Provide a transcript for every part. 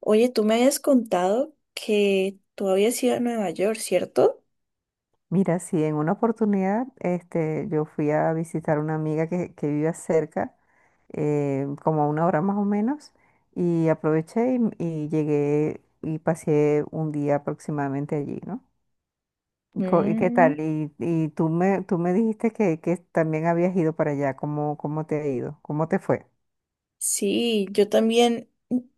Oye, tú me habías contado que tú habías ido a Nueva York, ¿cierto? Mira, sí, en una oportunidad yo fui a visitar a una amiga que vive cerca, como a una hora más o menos, y aproveché y llegué y pasé un día aproximadamente allí, ¿no? ¿Y y qué tal? Mm, Y tú me dijiste que también habías ido para allá, ¿cómo te ha ido? ¿Cómo te fue? sí, yo también,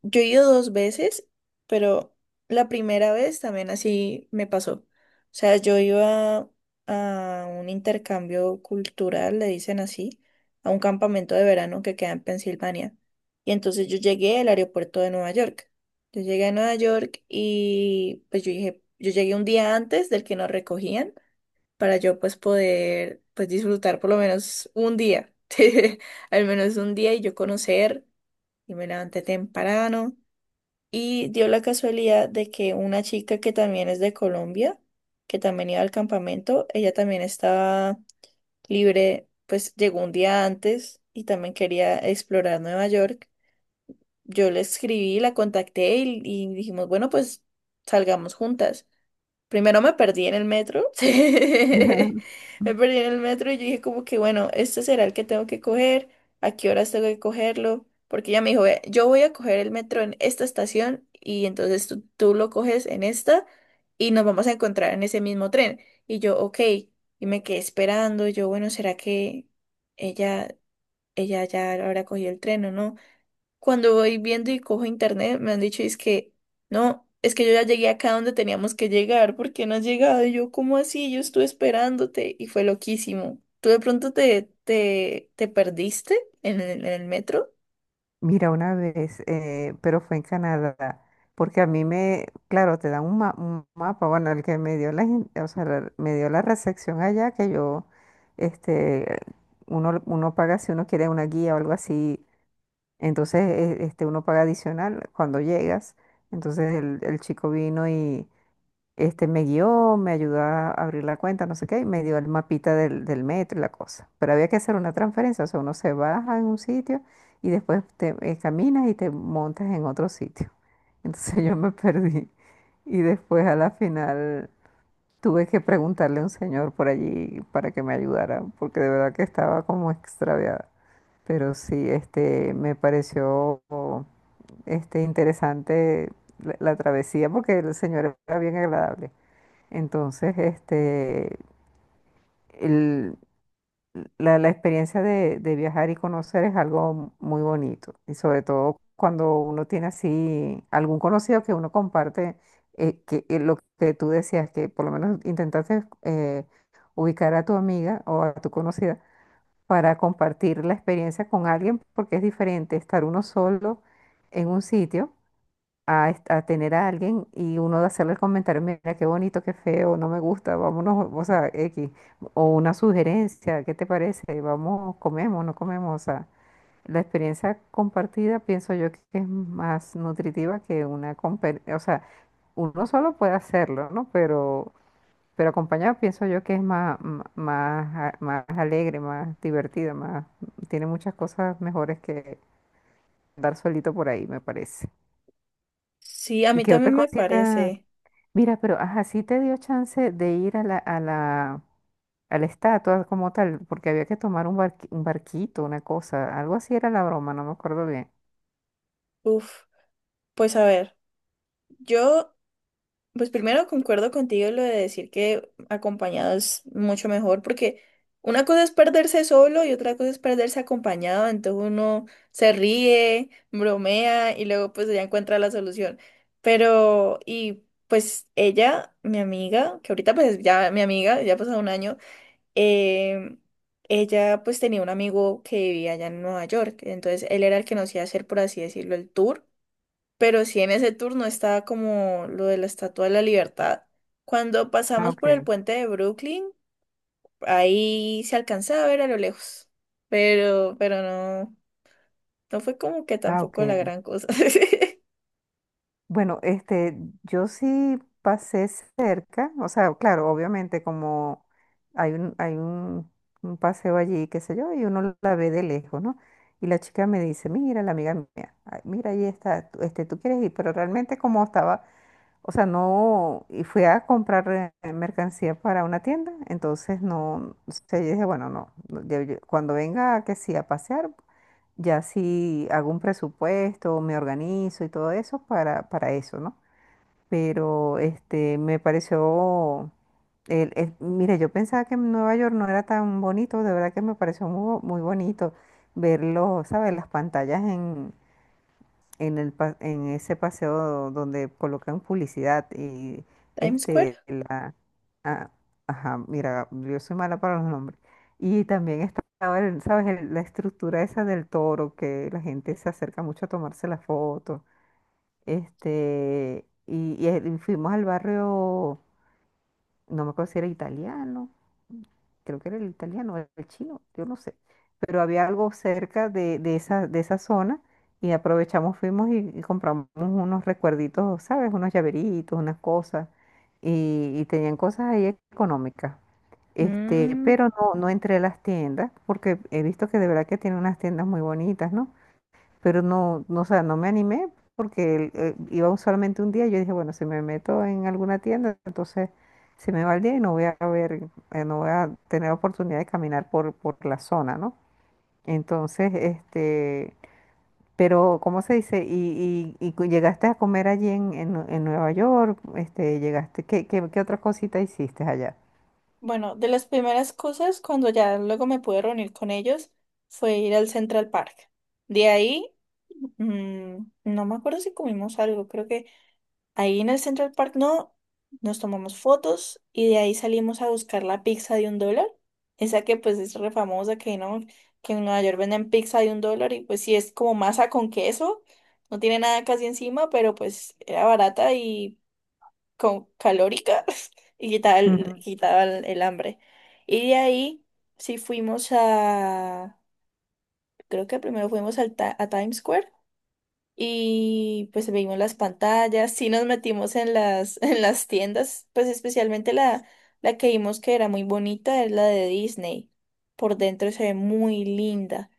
yo he ido dos veces, pero la primera vez también así me pasó. O sea, yo iba a un intercambio cultural, le dicen así, a un campamento de verano que queda en Pensilvania. Y entonces yo llegué al aeropuerto de Nueva York. Yo llegué a Nueva York y pues yo dije, yo llegué un día antes del que nos recogían para yo pues poder pues disfrutar por lo menos un día, al menos un día y yo conocer y me levanté temprano. Y dio la casualidad de que una chica que también es de Colombia, que también iba al campamento, ella también estaba libre, pues llegó un día antes y también quería explorar Nueva York. Yo le escribí, la contacté y dijimos, bueno, pues salgamos juntas. Primero me perdí en el metro. Me perdí en el metro y yo dije como que, bueno, este será el que tengo que coger, a qué horas tengo que cogerlo, porque ella me dijo, "Ve, yo voy a coger el metro en esta estación y entonces tú lo coges en esta y nos vamos a encontrar en ese mismo tren. Y yo, ok, y me quedé esperando, yo, bueno, ¿será que ella, ella ya habrá cogido el tren o no? Cuando voy viendo y cojo internet, me han dicho, es que, no, es que yo ya llegué acá donde teníamos que llegar, ¿por qué no has llegado? Y yo, ¿cómo así? Yo estuve esperándote y fue loquísimo. ¿Tú de pronto te perdiste en el metro? Mira, una vez, pero fue en Canadá, porque a mí me, claro, te dan un mapa, bueno, el que me dio o sea, me dio la recepción allá, que yo, este, uno paga si uno quiere una guía o algo así. Entonces, uno paga adicional cuando llegas. Entonces el chico vino, me guió, me ayudó a abrir la cuenta, no sé qué, y me dio el mapita del metro y la cosa. Pero había que hacer una transferencia, o sea, uno se baja en un sitio y después te caminas y te montas en otro sitio. Entonces yo me perdí. Y después, a la final, tuve que preguntarle a un señor por allí para que me ayudara, porque de verdad que estaba como extraviada. Pero sí, me pareció, interesante la travesía, porque el señor era bien agradable. Entonces, el- la experiencia de viajar y conocer es algo muy bonito. Y sobre todo cuando uno tiene así algún conocido que uno comparte, que lo que tú decías, que por lo menos intentaste ubicar a tu amiga o a tu conocida para compartir la experiencia con alguien, porque es diferente estar uno solo en un sitio a tener a alguien y uno de hacerle el comentario, mira qué bonito, qué feo, no me gusta, vámonos, o sea, X, o una sugerencia, ¿qué te parece? Vamos, comemos, no comemos, o sea, la experiencia compartida pienso yo que es más nutritiva que o sea, uno solo puede hacerlo, ¿no? Pero acompañado pienso yo que es más alegre, más divertida, más, tiene muchas cosas mejores que andar solito por ahí, me parece. Sí, a ¿Y mí qué otra también me cosita? parece. Mira, pero ajá, sí te dio chance de ir a la estatua como tal, porque había que tomar un barquito, una cosa, algo así era la broma, no me acuerdo bien. Uf, pues a ver, yo Pues primero concuerdo contigo en lo de decir que acompañado es mucho mejor, porque una cosa es perderse solo y otra cosa es perderse acompañado, entonces uno se ríe, bromea y luego pues ya encuentra la solución. Pero, y pues ella, mi amiga, que ahorita pues ya mi amiga, ya ha pasado un año, em, ella pues tenía un amigo que vivía allá en Nueva York, entonces él era el que nos iba a hacer, por así decirlo, el tour. Pero sí, en ese turno estaba como lo de la Estatua de la Libertad. Cuando Ah, pasamos por el ok. puente de Brooklyn, ahí se alcanzaba a ver a lo lejos. Pero no, no fue como que Ah, tampoco la ok. gran cosa. Bueno, yo sí pasé cerca, o sea, claro, obviamente como hay un paseo allí, qué sé yo, y uno la ve de lejos, ¿no? Y la chica me dice, mira, la amiga mía, ay, mira, ahí está, tú quieres ir, pero realmente como estaba. O sea, no, y fui a comprar mercancía para una tienda, entonces no, o sea, yo dije, bueno, no, no, cuando venga que sí a pasear, ya sí hago un presupuesto, me organizo y todo eso para eso, ¿no? Pero me pareció, mire, yo pensaba que Nueva York no era tan bonito, de verdad que me pareció muy bonito verlo, ¿sabes? Las pantallas en ese paseo donde colocan publicidad Times Square. este la ah, ajá, mira, yo soy mala para los nombres. Y también estaba el, ¿sabes? La estructura esa del toro, que la gente se acerca mucho a tomarse la foto. Y fuimos al barrio, no me acuerdo si era italiano, creo que era el italiano, o el chino, yo no sé, pero había algo cerca de esa zona y aprovechamos, fuimos y compramos unos recuerditos, ¿sabes? Unos llaveritos, unas cosas, y tenían cosas ahí económicas. Mm, Pero no, no entré a las tiendas porque he visto que de verdad que tiene unas tiendas muy bonitas, ¿no? Pero no, no, o sea, no me animé, porque iba solamente un día. Yo dije, bueno, si me meto en alguna tienda, entonces se me va el día y no voy a ver, no voy a tener oportunidad de caminar por la zona, ¿no? Entonces, pero, ¿cómo se dice? Llegaste a comer allí en Nueva York? Llegaste, ¿qué otra cosita hiciste allá? bueno, de las primeras cosas, cuando ya luego me pude reunir con ellos, fue ir al Central Park. De ahí, mm, no me acuerdo si comimos algo, creo que ahí en el Central Park no, nos tomamos fotos y de ahí salimos a buscar la pizza de $1. Esa que pues es re famosa que no, que en Nueva York venden pizza de $1 y pues sí es como masa con queso, no tiene nada casi encima, pero pues era barata y con calórica y quitaba el, Ujú. quitaba el, el hambre. Y de ahí sí fuimos a, creo que primero fuimos al a Times Square y pues vimos las pantallas, sí nos metimos en las, en las tiendas, pues especialmente la que vimos que era muy bonita es la de Disney. Por dentro se ve muy linda.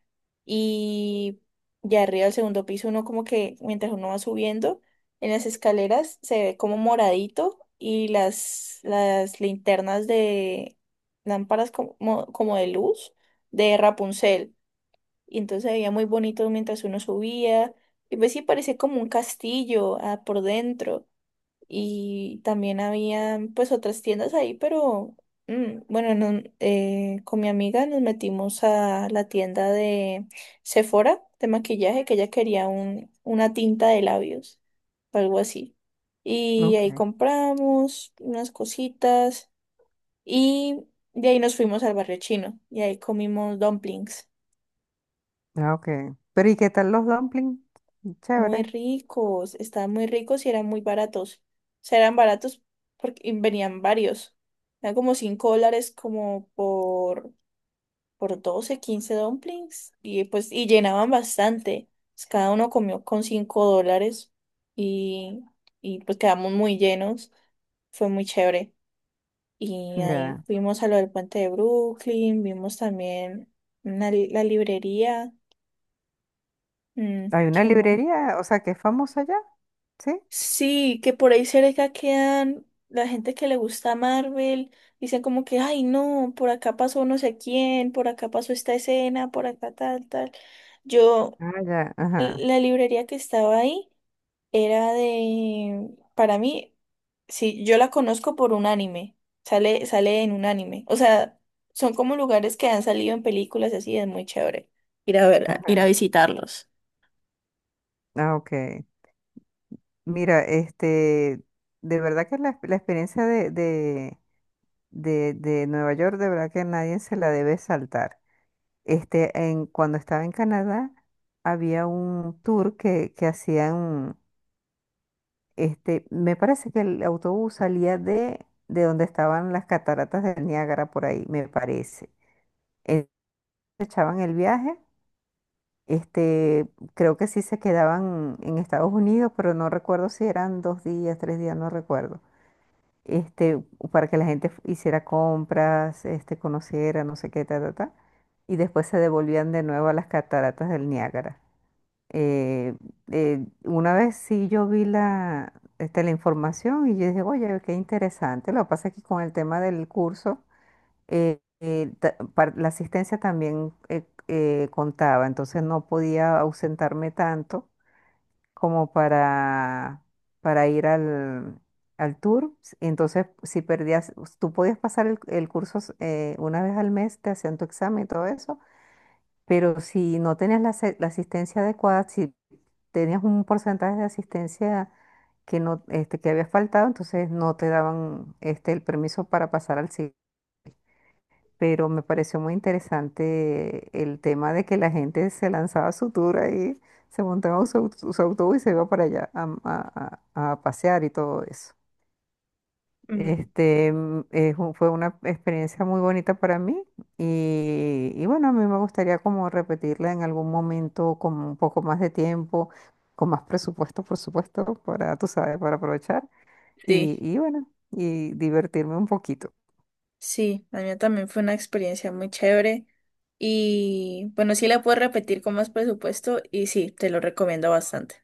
Y ya arriba del segundo piso uno como que mientras uno va subiendo en las escaleras se ve como moradito y las linternas de lámparas como de luz de Rapunzel y entonces se veía muy bonito mientras uno subía. Y pues sí, parecía como un castillo por dentro. Y también había pues otras tiendas ahí, pero bueno, no, con mi amiga nos metimos a la tienda de Sephora de maquillaje, que ella quería una tinta de labios, o algo así. Y Ok. ahí compramos unas cositas y de ahí nos fuimos al barrio chino y ahí comimos dumplings. Ah, ok. Pero, ¿y qué tal los dumplings? Muy Chévere. ricos, estaban muy ricos y eran muy baratos. O sea, eran baratos porque y venían varios. Eran como $5 como por 12 15 dumplings. Y pues, y llenaban bastante. Pues, cada uno comió con $5 y, y pues quedamos muy llenos. Fue muy chévere. Y ahí Ya. fuimos a lo del puente de Brooklyn, vimos también la librería. Mm, Hay una ¿qué más? librería, o sea, que es famosa allá. ¿Sí? Sí, que por ahí cerca quedan la gente que le gusta Marvel, dicen como que, ay no, por acá pasó no sé quién, por acá pasó esta escena, por acá tal, tal. Yo, Ah, ya, ajá. la librería que estaba ahí era de, para mí, sí, yo la conozco por un anime, sale, sale en un anime. O sea, son como lugares que han salido en películas y así, es muy chévere ir a ver, ir a visitarlos. Ah, ok. Mira, de verdad que la experiencia de Nueva York, de verdad que nadie se la debe saltar. Cuando estaba en Canadá, había un tour que hacían, me parece que el autobús salía de donde estaban las cataratas del Niágara, por ahí, me parece. Entonces, echaban el viaje. Este, creo que sí se quedaban en Estados Unidos, pero no recuerdo si eran 2 días, 3 días, no recuerdo. Este, para que la gente hiciera compras, conociera, no sé qué, ta, ta, ta. Y después se devolvían de nuevo a las cataratas del Niágara. Eh, una vez sí yo vi la información y yo dije, oye, qué interesante. Lo que pasa es que con el tema del curso, la asistencia también contaba, entonces no podía ausentarme tanto como para ir al tour. Entonces, si perdías, tú podías pasar el curso, una vez al mes, te hacían tu examen y todo eso, pero si no tenías la asistencia adecuada, si tenías un porcentaje de asistencia que no, que había faltado, entonces no te daban, el permiso para pasar al siguiente. Pero me pareció muy interesante el tema de que la gente se lanzaba a su tour ahí, se montaba en su autobús y se iba para allá a pasear y todo eso. Mm. Fue una experiencia muy bonita para mí, y bueno, a mí me gustaría como repetirla en algún momento con un poco más de tiempo, con más presupuesto, por supuesto, para, tú sabes, para aprovechar y, Sí. y bueno, y divertirme un poquito. Sí, la mía también fue una experiencia muy chévere. Y bueno, sí la puedo repetir con más presupuesto y sí, te lo recomiendo bastante.